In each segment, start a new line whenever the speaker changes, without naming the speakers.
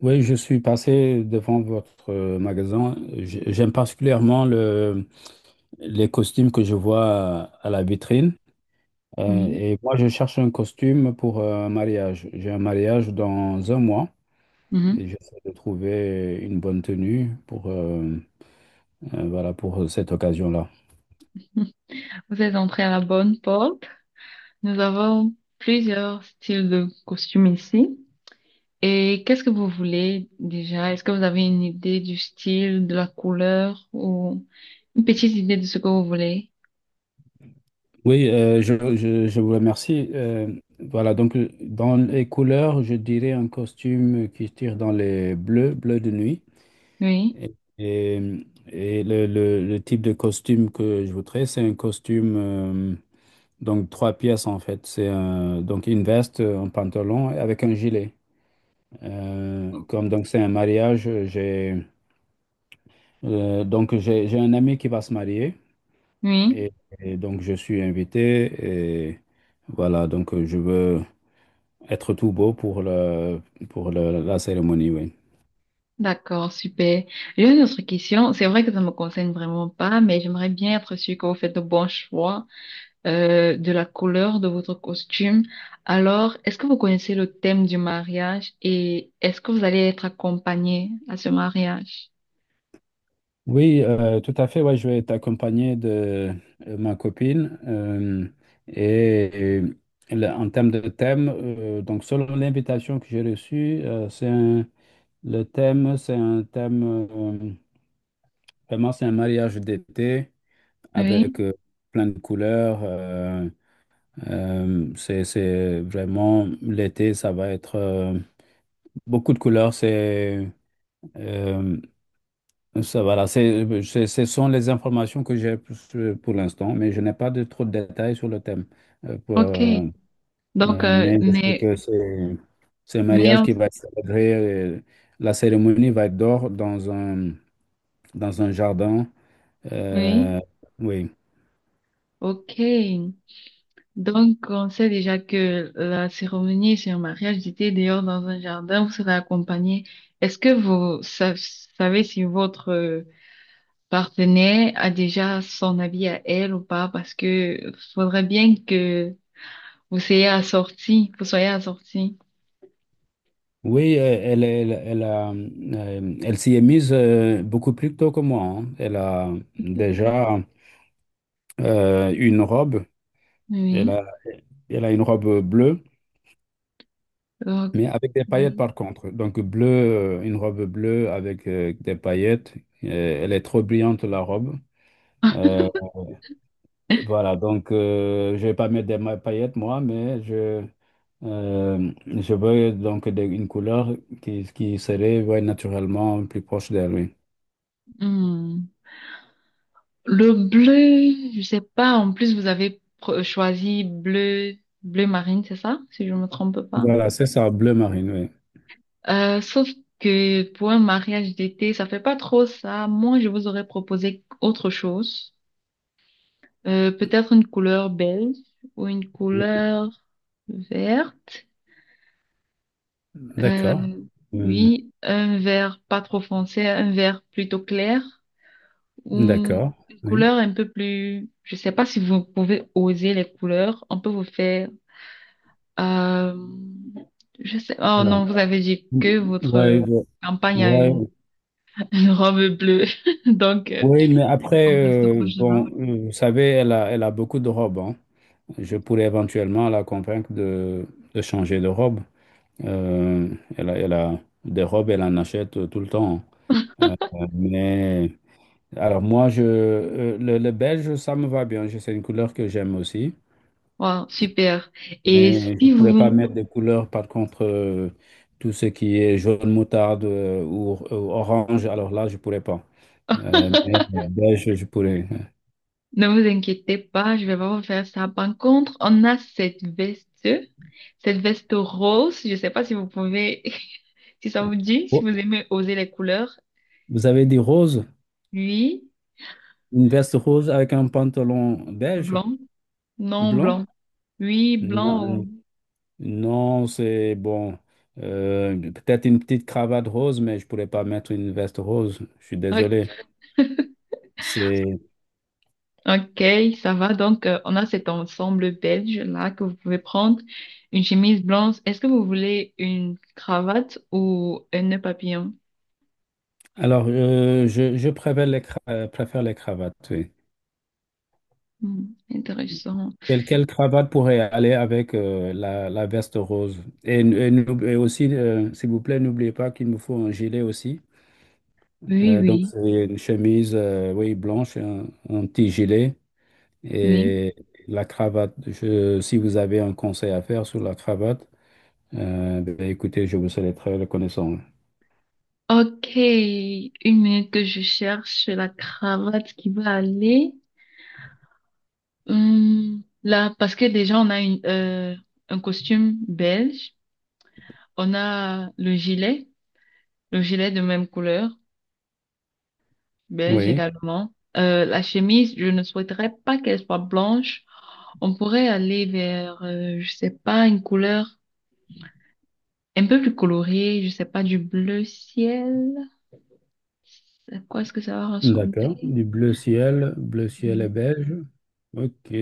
Oui, je suis passé devant votre magasin. J'aime particulièrement les costumes que je vois à la vitrine. Euh,
Oui.
et moi, je cherche un costume pour un mariage. J'ai un mariage dans un mois
Mhm.
et j'essaie de trouver une bonne tenue pour, voilà, pour cette occasion-là.
Vous êtes entré à la bonne porte. Nous avons plusieurs styles de costumes ici. Et qu'est-ce que vous voulez déjà? Est-ce que vous avez une idée du style, de la couleur ou une petite idée de ce que vous voulez?
Oui, je vous remercie. Dans les couleurs, je dirais un costume qui tire dans les bleus, bleu de nuit.
Oui,
Et, et- et le type de costume que je voudrais, c'est un costume, donc trois pièces en fait. Donc une veste, un pantalon avec un gilet. Comme donc c'est un mariage, j'ai donc j'ai un ami qui va se marier
oui.
et, et donc je suis invité et voilà donc je veux être tout beau pour la cérémonie, oui.
D'accord, super. J'ai une autre question. C'est vrai que ça me concerne vraiment pas, mais j'aimerais bien être sûre que vous faites de bons choix. De la couleur de votre costume. Alors, est-ce que vous connaissez le thème du mariage et est-ce que vous allez être accompagné à ce mariage?
Oui, tout à fait. Ouais, je vais t'accompagner de ma copine. Et, En termes de thème, donc selon l'invitation que j'ai reçue, le thème, c'est un thème, vraiment, c'est un mariage d'été avec
Oui,
plein de couleurs. C'est vraiment l'été, ça va être beaucoup de couleurs. C'est euh, Ça, voilà, ce sont les informations que j'ai pour l'instant, mais je n'ai pas de trop de détails sur le thème. Euh, pour-
ok.
euh,
Donc, euh,
mais je sais
mais,
que c'est un
mais,
mariage
on-
qui va être célébré. La cérémonie va être dehors dans un jardin.
oui,
Euh, oui,
ok. Donc, on sait déjà que la cérémonie sur un mariage était dehors dans un jardin, vous serez accompagné. Est-ce que vous sa- Savez si votre partenaire a déjà son habit à elle ou pas? Parce que faudrait bien que vous soyez assorti, vous soyez assorti.
oui, elle a, elle s'y est mise beaucoup plus tôt que moi, hein. Elle a déjà une robe. Elle
Oui.
a, Elle a une robe bleue,
Ok.
mais avec des paillettes par contre. Donc bleu, une robe bleue avec des paillettes. Euh, Elle est trop brillante la robe. Euh, je vais pas mettre des paillettes moi, mais je veux donc une couleur qui serait ouais, naturellement plus proche d'elle, oui.
Hmm. Le bleu, je sais pas. En plus, vous avez choisi bleu, bleu marine, c'est ça? Si je me trompe pas.
Voilà, c'est ça, bleu marine,
Sauf que pour un mariage d'été, ça fait pas trop ça. Moi, je vous aurais proposé autre chose. Peut-être une couleur beige ou une
oui.
couleur verte.
D'accord.
Euh,
Euh,
oui, un vert pas trop foncé, un vert plutôt clair ou
d'accord,
une
oui.
couleur un peu plus. Je sais pas si vous pouvez oser les couleurs. On peut vous faire. Euh, je sais. Oh
Alors,
non, vous avez dit que votre
ouais,
campagne a
ouais.
une une robe bleue. Donc,
Oui, mais
il faut
après,
qu'on reste proche de vin.
bon, vous savez, elle a beaucoup de robes, hein. Je pourrais éventuellement la convaincre de changer de robe. Euh, Elle a des robes, elle en achète tout le temps, hein. Mais alors moi, le beige, ça me va bien. C'est une couleur que j'aime aussi.
Wow, super. Et
Mais je ne
si
pourrais pas
vous
mettre des couleurs, par contre, tout ce qui est jaune moutarde ou orange, alors là, je ne pourrais pas. Mais beige, je pourrais.
ne vous inquiétez pas, je vais pas vous faire ça. Par contre, on a cette veste rose. Je sais pas si vous pouvez, si ça vous dit, si vous aimez oser les couleurs.
Vous avez des roses,
Oui,
une veste rose avec un pantalon beige,
blanc. Non,
blanc?
blanc. Oui, blanc. Ou-
Non, non, c'est bon. Peut-être une petite cravate rose, mais je pourrais pas mettre une veste rose. Je suis
Ok.
désolé. C'est
Ok, ça va. Donc, on a cet ensemble belge là que vous pouvez prendre. Une chemise blanche. Est-ce que vous voulez une cravate ou un nœud papillon?
alors je préfère les cra- préfère les cravates, oui.
Hmm, intéressant.
Quelle cravate pourrait aller avec la veste rose? Et aussi, s'il vous plaît, n'oubliez pas qu'il me faut un gilet aussi.
Oui,
Donc
oui,
c'est une chemise oui blanche, un petit gilet.
oui.
Et la cravate, si vous avez un conseil à faire sur la cravate, ben, écoutez, je vous serai très reconnaissant.
Ok, une minute que je cherche la cravate qui va aller. Hmm, là, parce que déjà, on a une, un costume belge. On a le gilet de même couleur. Beige
Oui,
également. La chemise, je ne souhaiterais pas qu'elle soit blanche. On pourrait aller vers, je sais pas, une couleur un peu plus colorée, je sais pas, du bleu ciel. À quoi est-ce que ça va ressembler?
d'accord. Du bleu ciel et beige. Ok,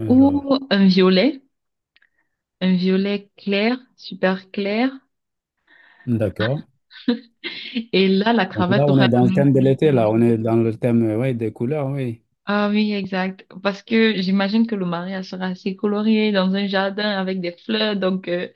alors,
Ou un violet clair, super clair.
d'accord.
Et là, la
Donc là,
cravate
on
aurait
est
la
dans le
même
thème de
couleur que
l'été,
la
là, on est
chemise.
dans le thème, oui, des couleurs, oui.
Ah oui, exact. Parce que j'imagine que le mariage sera assez coloré dans un jardin avec des fleurs. Donc,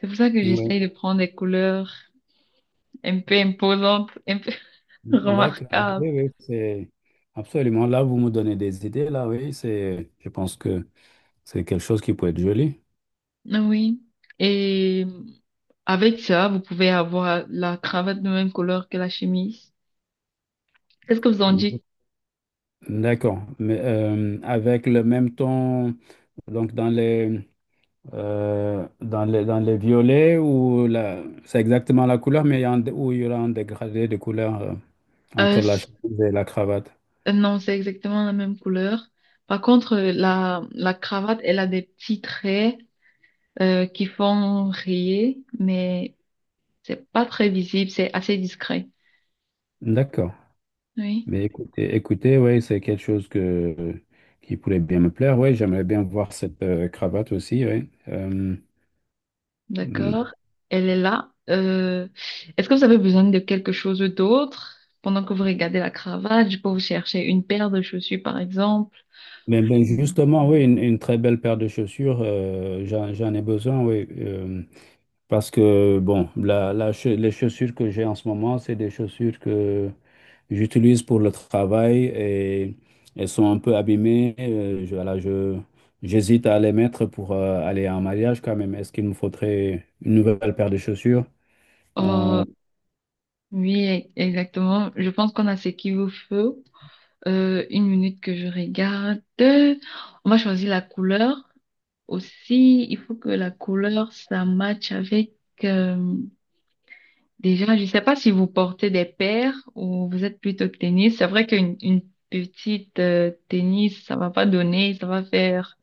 c'est pour ça que
Oui,
j'essaye de prendre des couleurs. Un peu imposante, un peu
d'accord.
remarquable.
Oui, oui, c'est absolument. Là, vous me donnez des idées, là, oui, c'est, je pense que c'est quelque chose qui peut être joli.
Oui. Et avec ça, vous pouvez avoir la cravate de même couleur que la chemise. Qu'est-ce que vous en dites?
D'accord. Mais avec le même ton, donc dans les, dans les violets, ou la, c'est exactement la couleur, mais il y a un- où il y aura un dégradé de couleur
Euh,
entre la
c-
chemise et la cravate.
non, c'est exactement la même couleur. Par contre, la cravate, elle a des petits traits qui font rayer, mais c'est pas très visible, c'est assez discret.
D'accord.
Oui.
Mais écoutez, oui, c'est quelque chose que, qui pourrait bien me plaire. Oui, j'aimerais bien voir cette cravate aussi. Oui.
D'accord.
Mm,
Elle est là. Est-ce que vous avez besoin de quelque chose d'autre pendant que vous regardez la cravate? Je peux vous chercher une paire de chaussures, par exemple.
mais
Ou-
justement, oui, une très belle paire de chaussures, j'en ai besoin, oui. Parce que, bon, les chaussures que j'ai en ce moment, c'est des chaussures que j'utilise pour le travail et elles sont un peu abîmées. J'hésite à les mettre pour aller en mariage quand même. Est-ce qu'il me faudrait une nouvelle paire de chaussures? Euh,
Oh, oui, exactement. Je pense qu'on a ce qu'il vous faut. Une minute que je regarde. On va choisir la couleur aussi. Il faut que la couleur, ça matche avec... euh, Déjà, je ne sais pas si vous portez des paires ou vous êtes plutôt tennis. C'est vrai qu'une une petite tennis, ça va pas donner, ça va faire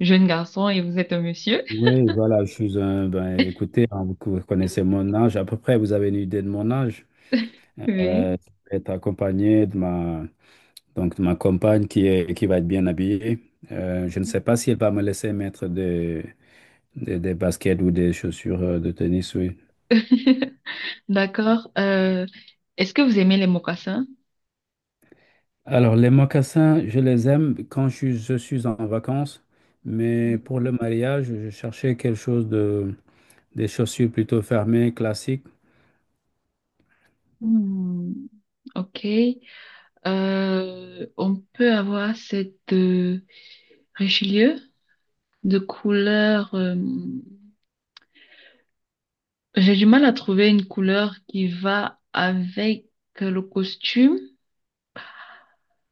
jeune garçon et vous êtes un monsieur.
oui, voilà, je suis un, ben, écoutez, hein, vous vous connaissez mon âge à peu près, vous avez une idée de mon âge. Euh,
Oui.
je vais être accompagné de ma, donc ma compagne qui est, qui va être bien habillée, je ne sais pas si elle va me laisser mettre des, des baskets ou des chaussures de tennis, oui.
D'accord. Est-ce que vous aimez les mocassins?
Alors, les mocassins, je les aime quand je suis en vacances, mais pour le mariage, je cherchais quelque chose de, des chaussures plutôt fermées, classiques.
Hmm, ok. On peut avoir cette Richelieu de couleur. J'ai du mal à trouver une couleur qui va avec le costume.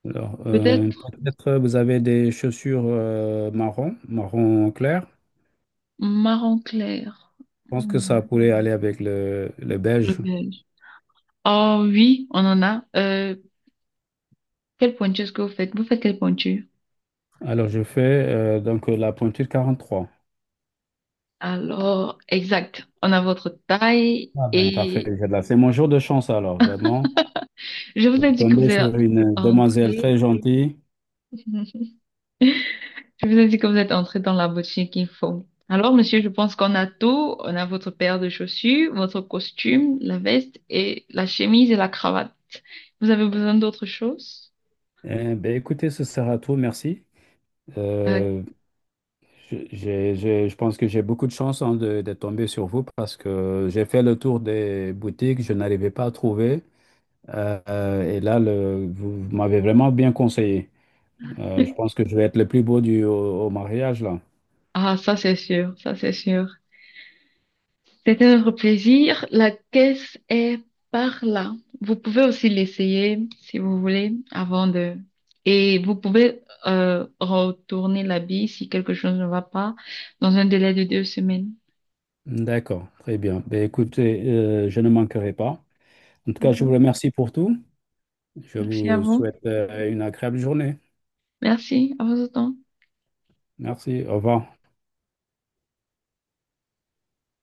Alors,
Peut-être
peut-être vous avez des chaussures marron, marron clair.
marron clair.
Je pense que
Hmm,
ça pourrait aller avec le
le
beige.
beige. Oh oui, on en a. Quelle pointure est-ce que vous faites? Vous faites quelle pointure?
Alors, je fais donc la pointure 43.
Alors, exact. On a votre taille
Ah ben, parfait.
et
C'est mon jour de chance alors, vraiment.
je
Je
vous ai
suis
dit que
tombé
vous êtes
sur une demoiselle
entré.
très gentille.
Je vous ai dit que vous êtes entré dans la boutique qu'il faut. Alors, monsieur, je pense qu'on a tout. On a votre paire de chaussures, votre costume, la veste et la chemise et la cravate. Vous avez besoin d'autre chose?
Eh ben, écoutez, ce sera tout, merci.
Euh,
Euh, je pense que j'ai beaucoup de chance hein, de tomber sur vous parce que j'ai fait le tour des boutiques, je n'arrivais pas à trouver. Et là, vous m'avez vraiment bien conseillé. Je pense que je vais être le plus beau au mariage, là.
ah, ça c'est sûr, ça c'est sûr. C'était notre plaisir. La caisse est par là. Vous pouvez aussi l'essayer si vous voulez avant de... Et vous pouvez retourner la bille si quelque chose ne va pas dans un délai de 2 semaines.
D'accord, très bien. Ben, écoutez, je ne manquerai pas. En tout cas, je vous
D'accord.
remercie pour tout. Je
Merci à
vous
vous.
souhaite une agréable journée.
Merci à vos autant.
Merci, au revoir.